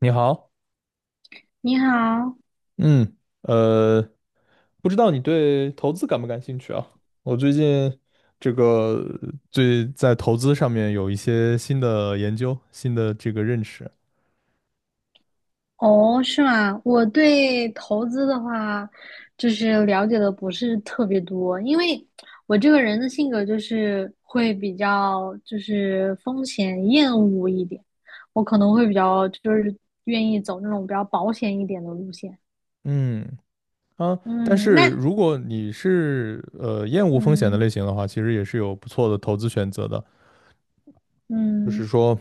你好，你好，嗯，呃，不知道你对投资感不感兴趣啊？我最近这个最在投资上面有一些新的研究，新的这个认识。哦，是吗？我对投资的话，就是了解的不是特别多，因为我这个人的性格就是会比较就是风险厌恶一点，我可能会比较就是愿意走那种比较保险一点的路线。嗯啊，但嗯，是那如果你是厌恶风险的嗯类型的话，其实也是有不错的投资选择的。就是嗯。说，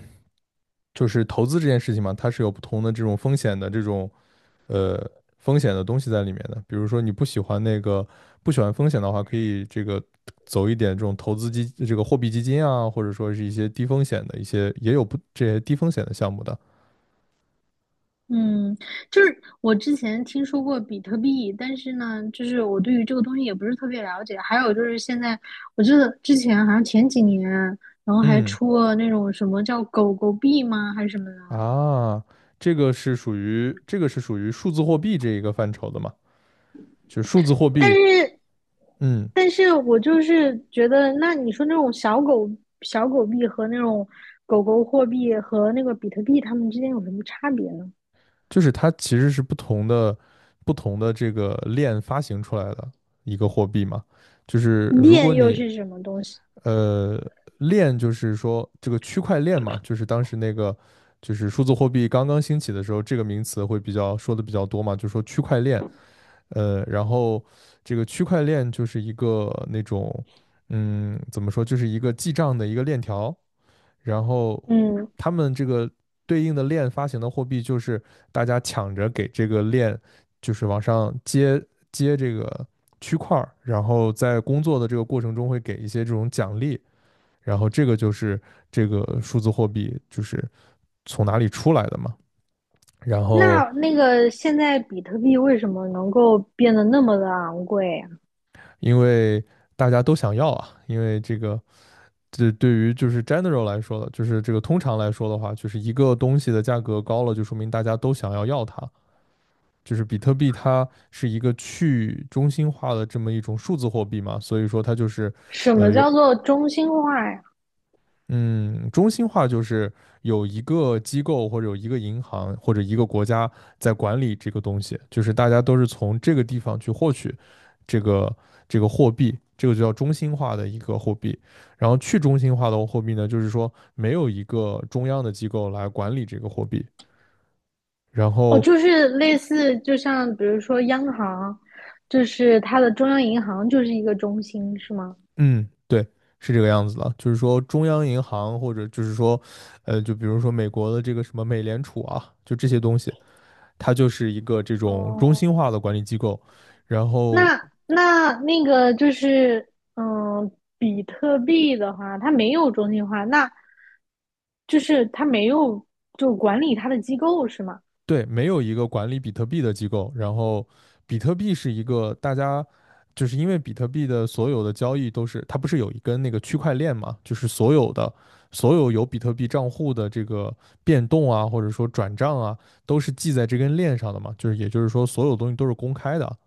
就是投资这件事情嘛，它是有不同的这种风险的这种呃风险的东西在里面的。比如说你不喜欢那个不喜欢风险的话，可以这个走一点这种投资基这个货币基金啊，或者说是一些低风险的一些也有不这些低风险的项目的。嗯，就是我之前听说过比特币，但是呢，就是我对于这个东西也不是特别了解。还有就是现在，我记得之前好像前几年，然后还嗯出了那种什么叫狗狗币吗，还是什么的。啊，这个是属于数字货币这一个范畴的嘛？就是数字货但币，是，嗯，但是我就是觉得，那你说那种小狗币和那种狗狗货币和那个比特币，它们之间有什么差别呢？就是它其实是不同的这个链发行出来的一个货币嘛。就是如链果又你是什么东西？呃，链就是说这个区块链嘛，就是当时那个就是数字货币刚刚兴起的时候，这个名词会比较说的比较多嘛，就说区块链。然后这个区块链就是一个那种，怎么说，就是一个记账的一个链条。然后嗯，他们这个对应的链发行的货币，就是大家抢着给这个链，就是往上接这个区块儿，然后在工作的这个过程中会给一些这种奖励。然后这个就是这个数字货币就是从哪里出来的嘛。然后那那个现在比特币为什么能够变得那么的昂贵啊？因为大家都想要啊，因为这个这对于就是 general 来说的，就是这个通常来说的话，就是一个东西的价格高了，就说明大家都想要它。就是比特币它是一个去中心化的这么一种数字货币嘛，所以说它就是什呃么有叫做中心化呀？嗯，中心化就是有一个机构或者有一个银行或者一个国家在管理这个东西，就是大家都是从这个地方去获取这个这个货币，这个就叫中心化的一个货币。然后去中心化的货币呢，就是说没有一个中央的机构来管理这个货币。然哦，后，就是类似，就像比如说央行，就是它的中央银行就是一个中心，是吗？嗯，对，是这个样子的，就是说中央银行或者就是说，就比如说美国的这个什么美联储啊，就这些东西。它就是一个这种中哦，心化的管理机构，然后那那个就是，嗯，比特币的话，它没有中心化，那就是它没有就管理它的机构，是吗？对，没有一个管理比特币的机构，然后比特币是一个大家就是因为比特币的所有的交易都是它不是有一根那个区块链嘛，就是所有的所有有比特币账户的这个变动啊，或者说转账啊，都是记在这根链上的嘛，就是也就是说所有东西都是公开的，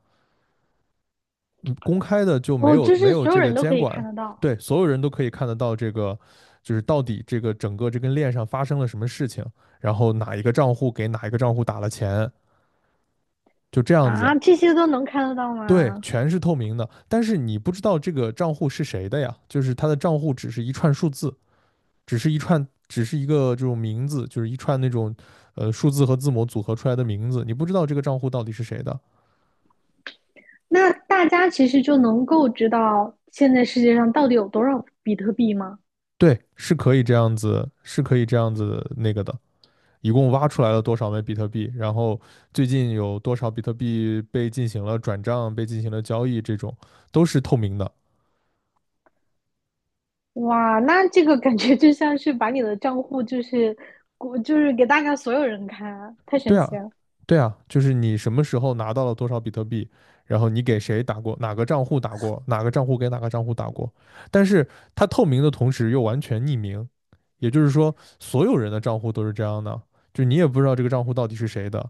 嗯，公开的就没哦，有就没是有所有这个人都可监以看管，得到对，所有人都可以看得到这个，就是到底这个整个这根链上发生了什么事情，然后哪一个账户给哪一个账户打了钱，就这样子，啊，这些都能看得到对，吗？全是透明的。但是你不知道这个账户是谁的呀，就是他的账户只是一串数字，只是一串，只是一个这种名字，就是一串那种数字和字母组合出来的名字，你不知道这个账户到底是谁的。那大家其实就能够知道现在世界上到底有多少比特币吗？对，是可以这样子，是可以这样子那个的。一共挖出来了多少枚比特币，然后最近有多少比特币被进行了转账、被进行了交易，这种都是透明的。哇，那这个感觉就像是把你的账户就是我就是给大家所有人看，太神对奇啊，了。对啊，就是你什么时候拿到了多少比特币，然后你给谁打过，哪个账户打过，哪个账户给哪个账户打过，但是它透明的同时又完全匿名，也就是说，所有人的账户都是这样的，就你也不知道这个账户到底是谁的，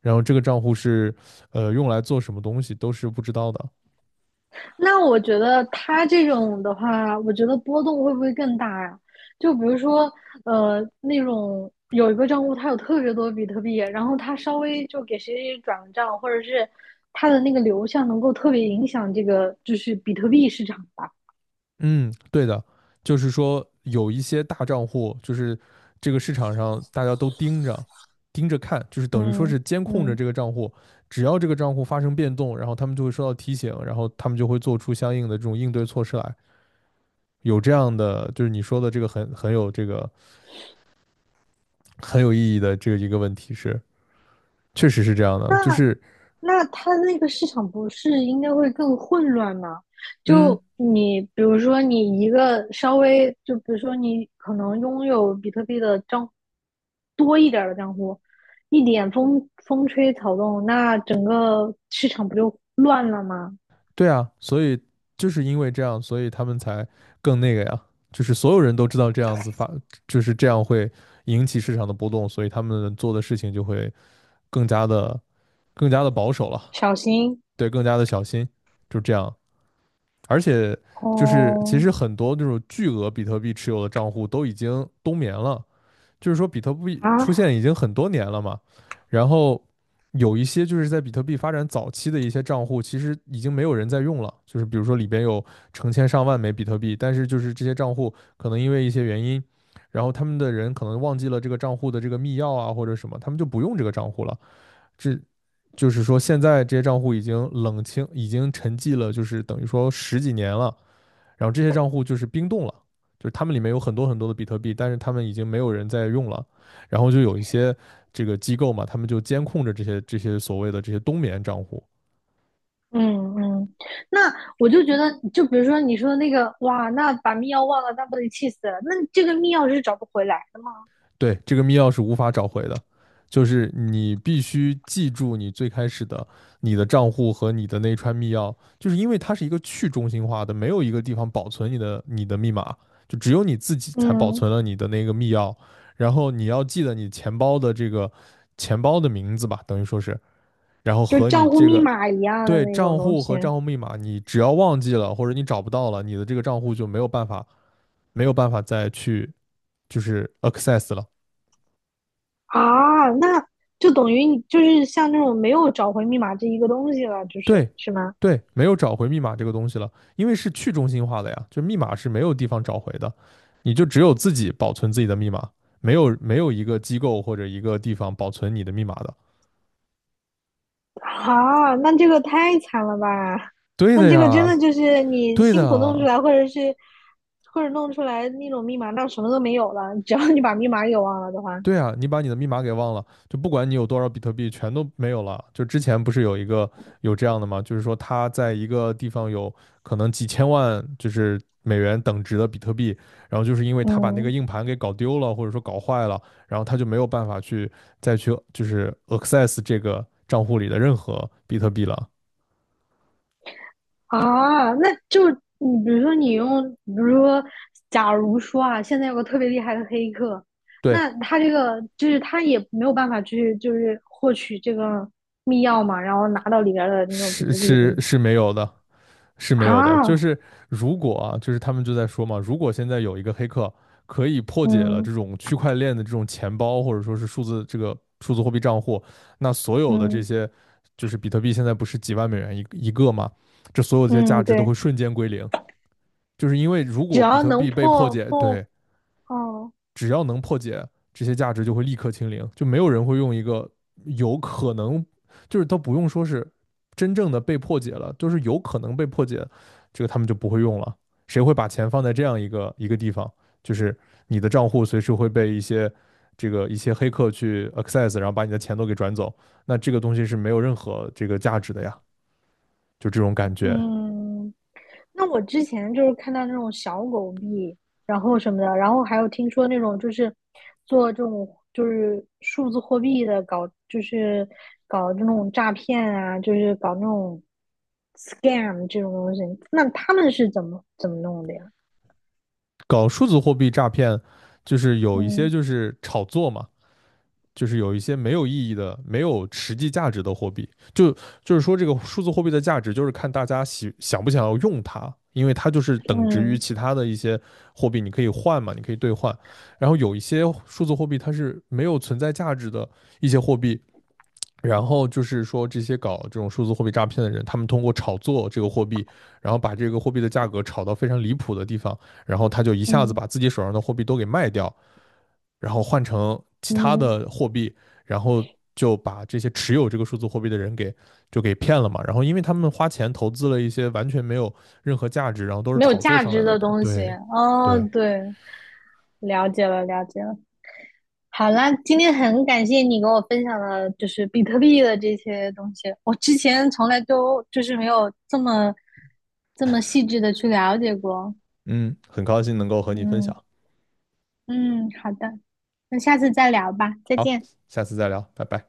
然后这个账户是用来做什么东西都是不知道的。那我觉得它这种的话，我觉得波动会不会更大呀？就比如说，那种有一个账户它有特别多比特币，然后它稍微就给谁谁谁转个账，或者是它的那个流向能够特别影响这个就是比特币市场吧。嗯，对的，就是说有一些大账户，就是这个市场上大家都盯着盯着看，就是等于说嗯是监控着嗯。这个账户，只要这个账户发生变动，然后他们就会收到提醒，然后他们就会做出相应的这种应对措施来。有这样的，就是你说的这个很有这个很有意义的这个一个问题是，确实是这样的，就那是那它那个市场不是应该会更混乱吗？嗯。就你比如说你一个稍微就比如说你可能拥有比特币的账多一点儿的账户，一点风风吹草动，那整个市场不就乱了吗？对啊，所以就是因为这样，所以他们才更那个呀，就是所有人都知道这样子发，就是这样会引起市场的波动，所以他们做的事情就会更加的、更加的保守了，小心对，更加的小心，就这样。而且就是其哦实很多那种巨额比特币持有的账户都已经冬眠了，就是说比特币出啊现已经很多年了嘛，然后有一些就是在比特币发展早期的一些账户，其实已经没有人在用了，就是比如说里边有成千上万枚比特币，但是就是这些账户可能因为一些原因，然后他们的人可能忘记了这个账户的这个密钥啊或者什么，他们就不用这个账户了，这。就是说，现在这些账户已经冷清，已经沉寂了，就是等于说十几年了。然后这些账户就是冰冻了，就是他们里面有很多很多的比特币，但是他们已经没有人在用了，然后就有一些这个机构嘛，他们就监控着这些所谓的这些冬眠账户，嗯嗯，那我就觉得，就比如说你说的那个哇，那把密钥忘了，那不得气死了？那这个密钥是找不回来的吗？对，这个密钥是无法找回的，就是你必须记住你最开始的你的账户和你的那一串密钥，就是因为它是一个去中心化的，没有一个地方保存你的你的密码，就只有你自己才保嗯。存了你的那个密钥，然后你要记得你钱包的这个。钱包的名字吧，等于说是然后就和你账户这密个码一样的对那种账东户西和账户密码，你只要忘记了或者你找不到了，你的这个账户就没有办法再去就是 access 了。啊，那就等于你就是像那种没有找回密码这一个东西了，就是对，是吗？对，没有找回密码这个东西了，因为是去中心化的呀，就密码是没有地方找回的，你就只有自己保存自己的密码，没有一个机构或者一个地方保存你的密码的。啊，那这个太惨了吧？对那的这个真呀，的就是你对辛苦弄出的。来，或者是或者弄出来那种密码，那什么都没有了，只要你把密码给忘了的话，对啊，你把你的密码给忘了，就不管你有多少比特币，全都没有了。就之前不是有一个有这样的吗？就是说他在一个地方有可能几千万，就是美元等值的比特币，然后就是因为他把那个嗯。硬盘给搞丢了，或者说搞坏了，然后他就没有办法去再去就是 access 这个账户里的任何比特币了。啊，那就你比如说你用，比如说，假如说啊，现在有个特别厉害的黑客，对，那他这个就是他也没有办法去就是获取这个密钥嘛，然后拿到里边儿的那种比是特币什么是的是没有的。是没啊，有的，就是如果啊，就是他们就在说嘛，如果现在有一个黑客可以破解了嗯这种区块链的这种钱包，或者说是数字这个数字货币账户，那所有的这嗯些就是比特币现在不是几万美元一个嘛，这所有这些价嗯，值都对，会瞬间归零，就是因为如只果比要特能币被破破解，破，对，哦只要能破解这些价值，就会立刻清零，就没有人会用一个有可能，就是都不用说是真正的被破解了，就是有可能被破解，这个他们就不会用了。谁会把钱放在这样一个一个地方？就是你的账户随时会被一些这个一些黑客去 access，然后把你的钱都给转走，那这个东西是没有任何这个价值的呀，就这种感觉。嗯，那我之前就是看到那种小狗币，然后什么的，然后还有听说那种就是做这种就是数字货币的搞，就是搞这种诈骗啊，就是搞那种 scam 这种东西，那他们是怎么弄的呀？搞数字货币诈骗，就是有一些嗯就是炒作嘛，就是有一些没有意义的、没有实际价值的货币，就就是说这个数字货币的价值就是看大家喜想不想要用它，因为它就是等值于嗯其他的一些货币，你可以换嘛，你可以兑换。然后有一些数字货币它是没有存在价值的一些货币，然后就是说这些搞这种数字货币诈骗的人，他们通过炒作这个货币，然后把这个货币的价格炒到非常离谱的地方，然后他就一下子嗯把自己手上的货币都给卖掉，然后换成其他嗯，嗯的货币，然后就把这些持有这个数字货币的人给就给骗了嘛。然后因为他们花钱投资了一些完全没有任何价值，然后都是没有炒作价上来值的。的东西。对，哦，对，对，了解了，了解了。好啦，今天很感谢你给我分享了，就是比特币的这些东西。我之前从来都就是没有这么这么细致的去了解过。嗯，很高兴能够和你分嗯享。嗯，好的，那下次再聊吧，再好，见。下次再聊，拜拜。